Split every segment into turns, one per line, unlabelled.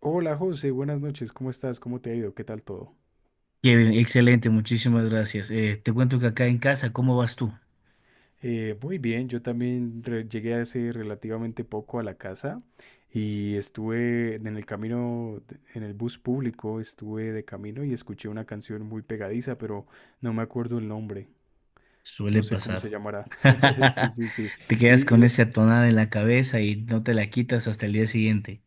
Hola José, buenas noches, ¿cómo estás? ¿Cómo te ha ido? ¿Qué tal todo?
Qué bien, excelente, muchísimas gracias. Te cuento que acá en casa, ¿cómo vas tú?
Muy bien, yo también llegué hace relativamente poco a la casa y estuve en el camino, en el bus público, estuve de camino y escuché una canción muy pegadiza, pero no me acuerdo el nombre,
Suele
no sé cómo
pasar.
se llamará. Sí, sí, sí.
Te
Y,
quedas
y
con esa
le-
tonada en la cabeza y no te la quitas hasta el día siguiente.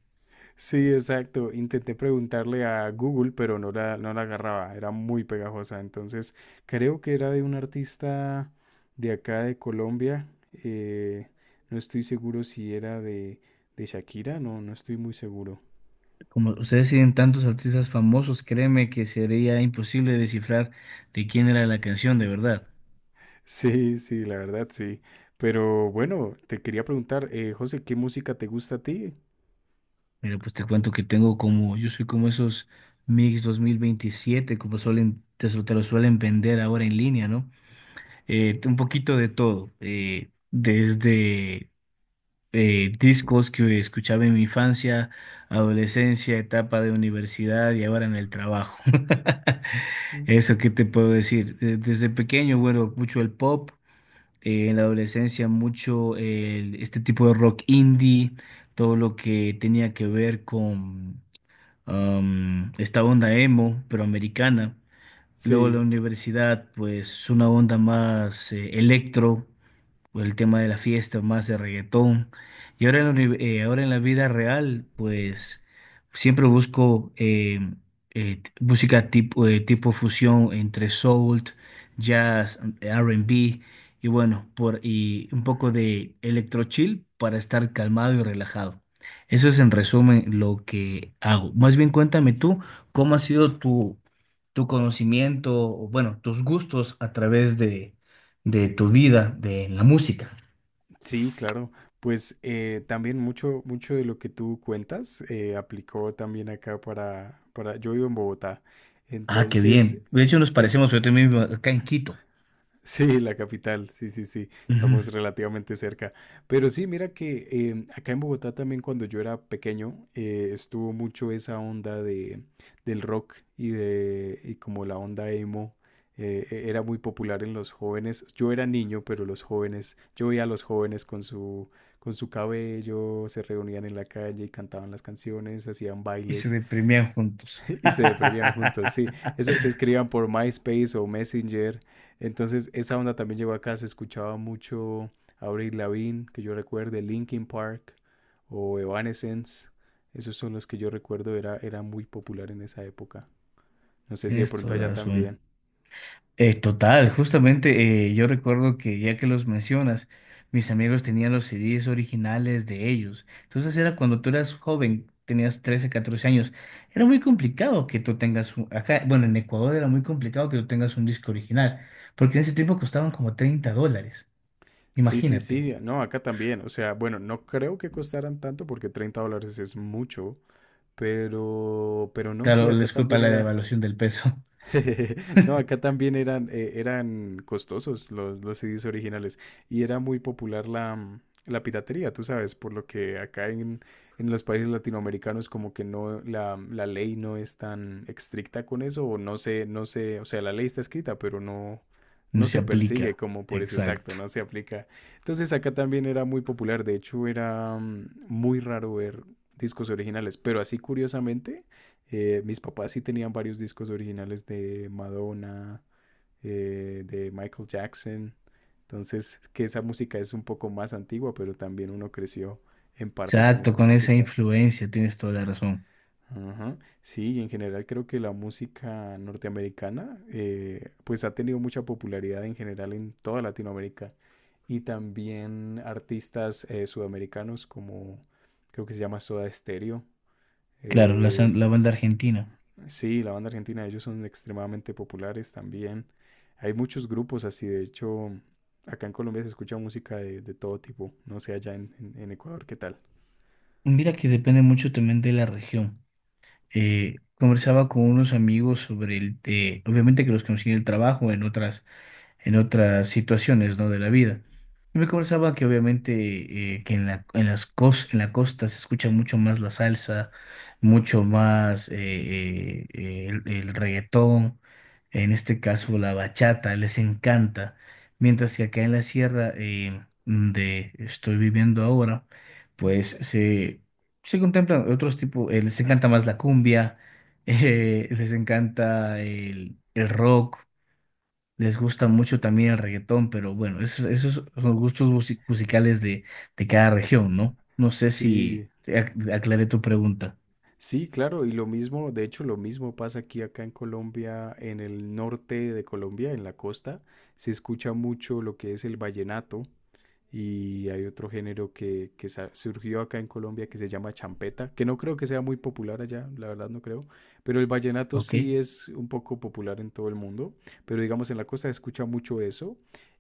Sí, exacto. Intenté preguntarle a Google, pero no la agarraba. Era muy pegajosa. Entonces, creo que era de un artista de acá de Colombia. eh, no estoy seguro si era de Shakira. No, no estoy muy seguro.
Como ustedes tienen tantos artistas famosos, créeme que sería imposible descifrar de quién era la canción de verdad.
Sí, sí, la verdad, sí. Pero bueno, te quería preguntar, José, ¿qué música te gusta a ti?
Mira, pues te cuento que tengo como, yo soy como esos Mix 2027, como suelen, te lo suelen vender ahora en línea, ¿no? Un poquito de todo, desde discos que escuchaba en mi infancia, adolescencia, etapa de universidad y ahora en el trabajo.
Mm.
Eso, ¿qué te puedo decir? Desde pequeño, bueno, mucho el pop, en la adolescencia mucho este tipo de rock indie, todo lo que tenía que ver con esta onda emo, pero americana. Luego la
Sí,
universidad, pues una onda más electro por el tema de la fiesta, más de reggaetón. Y ahora ahora en la vida real, pues siempre busco música tipo fusión entre soul, jazz, R&B y bueno, y un poco de electro chill para estar calmado y relajado. Eso es en resumen lo que hago. Más bien cuéntame tú, ¿cómo ha sido tu, conocimiento, o bueno, tus gustos a través de tu vida, de la música?
sí, claro. Pues también mucho de lo que tú cuentas aplicó también acá yo vivo en Bogotá,
Ah, qué
entonces
bien. De hecho, nos
eh,
parecemos, yo también vivo acá en Quito.
sí, la capital, sí, sí, sí,
Ujú.
estamos relativamente cerca. Pero sí, mira que acá en Bogotá también cuando yo era pequeño estuvo mucho esa onda del rock y de y como la onda emo era muy popular en los jóvenes. Yo era niño, pero los jóvenes, yo veía a los jóvenes con su cabello, se reunían en la calle y cantaban las canciones, hacían
Y se
bailes.
deprimían juntos.
Y se deprimían juntos, sí. Eso se escribían por MySpace o Messenger. Entonces, esa onda también llegó acá. Se escuchaba mucho Avril Lavigne, que yo recuerde, Linkin Park o Evanescence. Esos son los que yo recuerdo, era muy popular en esa época. No sé si de
Tienes
pronto
toda la
allá
razón.
también.
Total, justamente yo recuerdo que ya que los mencionas, mis amigos tenían los CDs originales de ellos. Entonces era cuando tú eras joven, tenías 13 14 años. Era muy complicado que tú tengas, acá, bueno, en Ecuador era muy complicado que tú tengas un disco original, porque en ese tiempo costaban como $30.
Sí, sí,
Imagínate.
sí, no, acá también. O sea, bueno, no creo que costaran tanto porque 30 dólares es mucho, pero no,
Claro,
sí, acá
les culpa
también
la
era,
devaluación del peso.
no, acá también eran, eran costosos los CDs originales y era muy popular la piratería, tú sabes, por lo que acá en los países latinoamericanos como que no, la ley no es tan estricta con eso o no se, o sea, la ley está escrita, pero no,
No
no
se
se persigue
aplica.
como por ese
Exacto.
exacto, no se aplica. Entonces acá también era muy popular, de hecho era muy raro ver discos originales, pero así curiosamente mis papás sí tenían varios discos originales de Madonna, de Michael Jackson. Entonces, que esa música es un poco más antigua, pero también uno creció en parte con
Exacto,
esa
con esa
música.
influencia tienes toda la razón.
Ajá. Sí, y en general creo que la música norteamericana pues ha tenido mucha popularidad en general en toda Latinoamérica y también artistas sudamericanos como creo que se llama Soda Stereo,
Claro,
eh,
la banda argentina.
sí, la banda argentina, ellos son extremadamente populares también. Hay muchos grupos así, de hecho, acá en Colombia se escucha música de todo tipo, no sé allá en Ecuador qué tal.
Mira que depende mucho también de la región. Conversaba con unos amigos sobre obviamente que los conocí en el trabajo, en otras situaciones, ¿no? De la vida. Y me conversaba que obviamente que en la costa se escucha mucho más la salsa, mucho más el reggaetón, en este caso la bachata, les encanta, mientras que acá en la sierra donde estoy viviendo ahora,
Mm.
pues se contemplan otros tipos, les encanta más la cumbia, les encanta el rock. Les gusta mucho también el reggaetón, pero bueno, esos son los gustos musicales de cada región, ¿no? No sé si
Sí,
te aclaré tu pregunta.
sí, claro, y lo mismo, de hecho, lo mismo pasa aquí acá en Colombia, en el norte de Colombia, en la costa, se escucha mucho lo que es el vallenato. Y hay otro género que surgió acá en Colombia que se llama champeta, que no creo que sea muy popular allá, la verdad no creo, pero el vallenato
Ok.
sí es un poco popular en todo el mundo, pero digamos en la costa se escucha mucho eso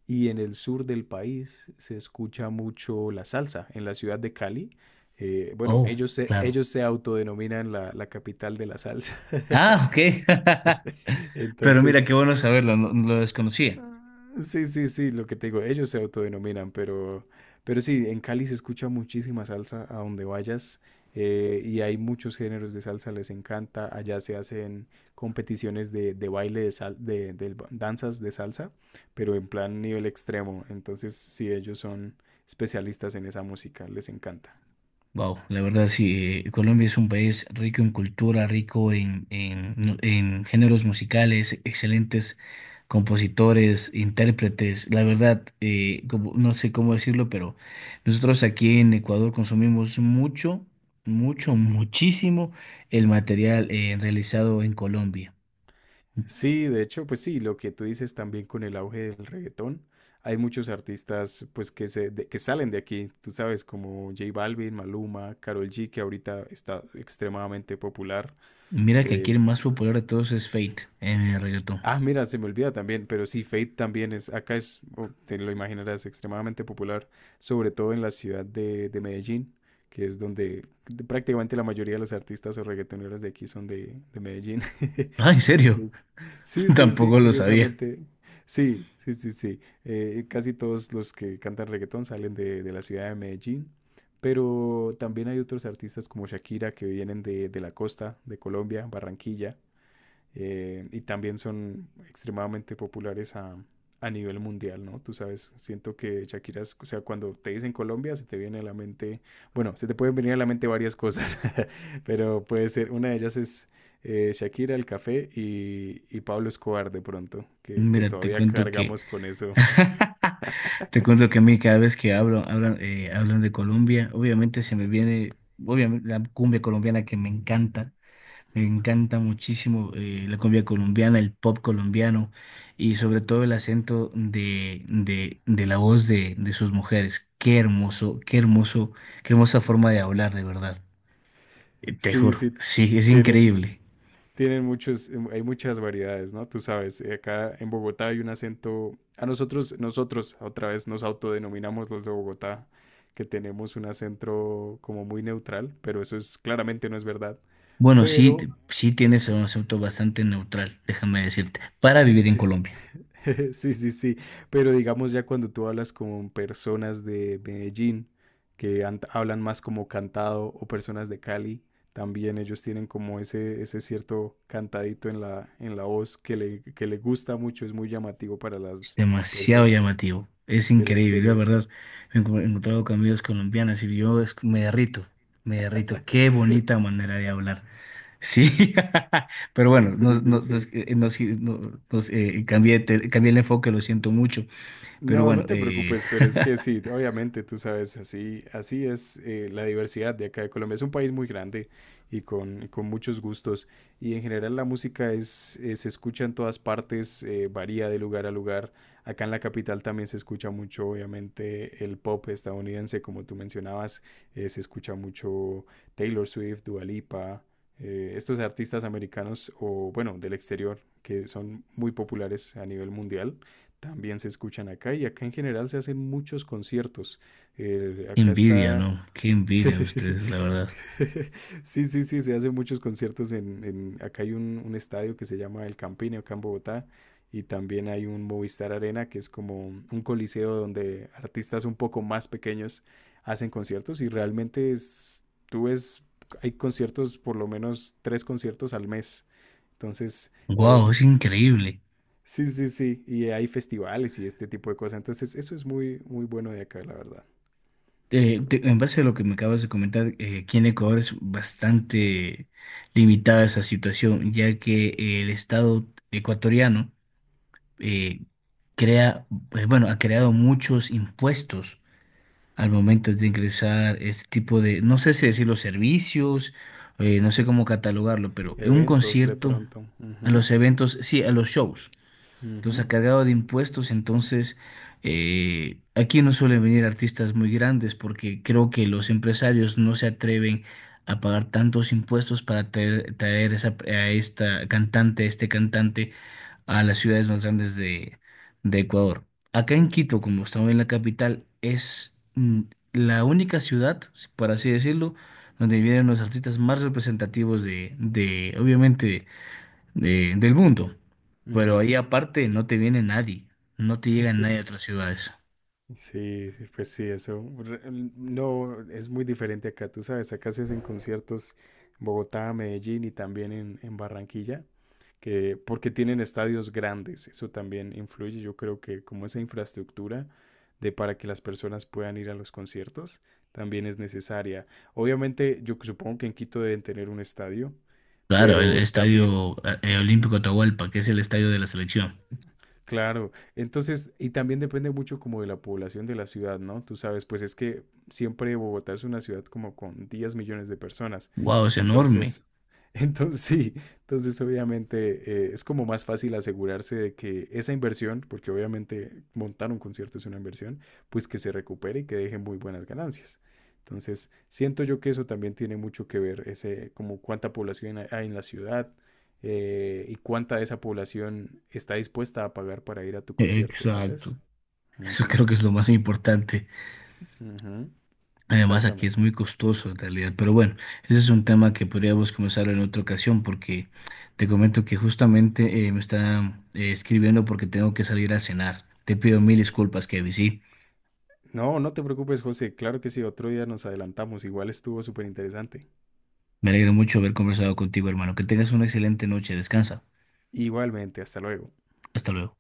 y en el sur del país se escucha mucho la salsa, en la ciudad de Cali. Bueno,
Oh, claro.
ellos se autodenominan la capital de la salsa.
Ah, ok. Pero
Entonces,
mira, qué bueno saberlo, no, no lo desconocía.
sí, sí, sí, lo que te digo, ellos se autodenominan, pero sí, en Cali se escucha muchísima salsa a donde vayas y hay muchos géneros de salsa, les encanta. Allá se hacen competiciones de baile, de, sal- de, del ba- danzas de salsa, pero en plan nivel extremo. Entonces, sí, ellos son especialistas en esa música, les encanta.
Wow, la verdad sí, Colombia es un país rico en cultura, rico en, no, en géneros musicales, excelentes compositores, intérpretes. La verdad, no sé cómo decirlo, pero nosotros aquí en Ecuador consumimos mucho, mucho, muchísimo el material realizado en Colombia.
Sí, de hecho, pues sí, lo que tú dices también con el auge del reggaetón, hay muchos artistas pues que que salen de aquí, tú sabes, como J Balvin, Maluma, Karol G, que ahorita está extremadamente popular,
Mira que aquí
eh,
el más popular de todos es Fate en el reggaetón.
ah, mira, se me olvida también, pero sí, Fate también es, acá es, oh, te lo imaginarás, extremadamente popular, sobre todo en la ciudad de Medellín, que es donde prácticamente la mayoría de los artistas o reggaetoneros de aquí son de Medellín.
Ah, ¿en serio?
Entonces, sí, sí, sí,
Tampoco lo sabía.
curiosamente, sí, sí, sí, sí. Casi todos los que cantan reggaetón salen de la ciudad de Medellín, pero también hay otros artistas como Shakira que vienen de la costa de Colombia, Barranquilla. Y también son extremadamente populares a nivel mundial, ¿no? Tú sabes, siento que o sea, cuando te dicen Colombia, se te viene a la mente, bueno, se te pueden venir a la mente varias cosas, pero puede ser, una de ellas es Shakira, el café y Pablo Escobar de pronto, que
Mira, te
todavía
cuento que...
cargamos con eso.
Te cuento que a mí cada vez que hablo, hablan de Colombia, obviamente se me viene, obviamente la cumbia colombiana que me encanta muchísimo la cumbia colombiana, el pop colombiano y sobre todo el acento de la voz de sus mujeres. Qué hermoso, qué hermoso, qué hermosa forma de hablar, de verdad. Te
Sí,
juro,
sí,
sí, es
tienen,
increíble.
tienen muchos, hay muchas variedades, ¿no? Tú sabes, acá en Bogotá hay un acento, a nosotros, nosotros otra vez nos autodenominamos los de Bogotá, que tenemos un acento como muy neutral, pero eso es claramente no es verdad.
Bueno, sí,
Pero
sí tienes un acento bastante neutral, déjame decirte, para vivir en
sí, sí.
Colombia.
Sí, sí, sí, pero digamos ya cuando tú hablas con personas de Medellín que hablan más como cantado o personas de Cali, también ellos tienen como ese cierto cantadito en en la voz que que le gusta mucho, es muy llamativo para
Es
las
demasiado
personas
llamativo. Es
del
increíble, la
exterior.
verdad. Me he encontrado con amigas colombianas y yo me derrito, me derrito. Qué bonita manera de hablar. Sí, pero bueno,
Sí, sí, sí.
cambié, cambié el enfoque, lo siento mucho. Pero
No, no
bueno,
te preocupes, pero es que sí, obviamente tú sabes, así, así es la diversidad de acá de Colombia. Es un país muy grande y y con muchos gustos. Y en general la música es, se escucha en todas partes, varía de lugar a lugar. Acá en la capital también se escucha mucho, obviamente, el pop estadounidense, como tú mencionabas. Se escucha mucho Taylor Swift, Dua Lipa, estos artistas americanos o, bueno, del exterior, que son muy populares a nivel mundial. También se escuchan acá y acá en general se hacen muchos conciertos.
qué
Acá
envidia,
está...
¿no? Qué envidia de ustedes, la verdad.
Sí, sí, sí, se hacen muchos conciertos acá hay un estadio que se llama El Campín, acá en Bogotá, y también hay un Movistar Arena, que es como un coliseo donde artistas un poco más pequeños hacen conciertos y realmente es, tú ves, hay conciertos, por lo menos tres conciertos al mes. Entonces
Wow, es
es,
increíble.
sí, sí, sí. Y hay festivales y este tipo de cosas. Entonces, eso es muy, muy bueno de acá, la verdad.
En base a lo que me acabas de comentar, aquí en Ecuador es bastante limitada esa situación, ya que el Estado ecuatoriano eh, crea, bueno, ha creado muchos impuestos al momento de ingresar este tipo de, no sé si decirlo, servicios, no sé cómo catalogarlo, pero un
Eventos de
concierto,
pronto.
a
Ujú,
los eventos, sí, a los shows los
ujú,
ha cargado de impuestos, entonces aquí no suelen venir artistas muy grandes porque creo que los empresarios no se atreven a pagar tantos impuestos para traer a esta cantante, este cantante a las ciudades más grandes de Ecuador. Acá en Quito, como estamos en la capital, es la única ciudad, por así decirlo, donde vienen los artistas más representativos de obviamente, del mundo. Pero ahí
ujú.
aparte no te viene nadie, no te llega nadie de otras ciudades.
Sí, sí, pues sí, eso. No, es muy diferente acá. Tú sabes, acá se hacen conciertos en Bogotá, Medellín y también en Barranquilla. Que porque tienen estadios grandes, eso también influye, yo creo que como esa infraestructura de para que las personas puedan ir a los conciertos también es necesaria. Obviamente, yo supongo que en Quito deben tener un estadio,
Claro, el
pero también.
estadio Olímpico Atahualpa, que es el estadio de la selección.
Claro, entonces, y también depende mucho como de la población de la ciudad, ¿no? Tú sabes, pues es que siempre Bogotá es una ciudad como con 10 millones de personas,
Wow, es enorme.
entonces, entonces sí, entonces obviamente es como más fácil asegurarse de que esa inversión, porque obviamente montar un concierto es una inversión, pues que se recupere y que deje muy buenas ganancias. Entonces, siento yo que eso también tiene mucho que ver, ese, como cuánta población hay en la ciudad, y cuánta de esa población está dispuesta a pagar para ir a tu concierto, ¿sabes?
Exacto.
Uh
Eso
-huh,
creo que es lo más importante.
uh -huh,
Además, aquí es
exactamente.
muy costoso en realidad. Pero bueno, ese es un tema que podríamos comenzar en otra ocasión porque te comento que justamente me está escribiendo porque tengo que salir a cenar. Te pido mil disculpas, Kevin, ¿sí?
No, no te preocupes, José. Claro que sí, otro día nos adelantamos. Igual estuvo súper interesante.
Me alegro mucho haber conversado contigo, hermano. Que tengas una excelente noche. Descansa.
Igualmente, hasta luego.
Hasta luego.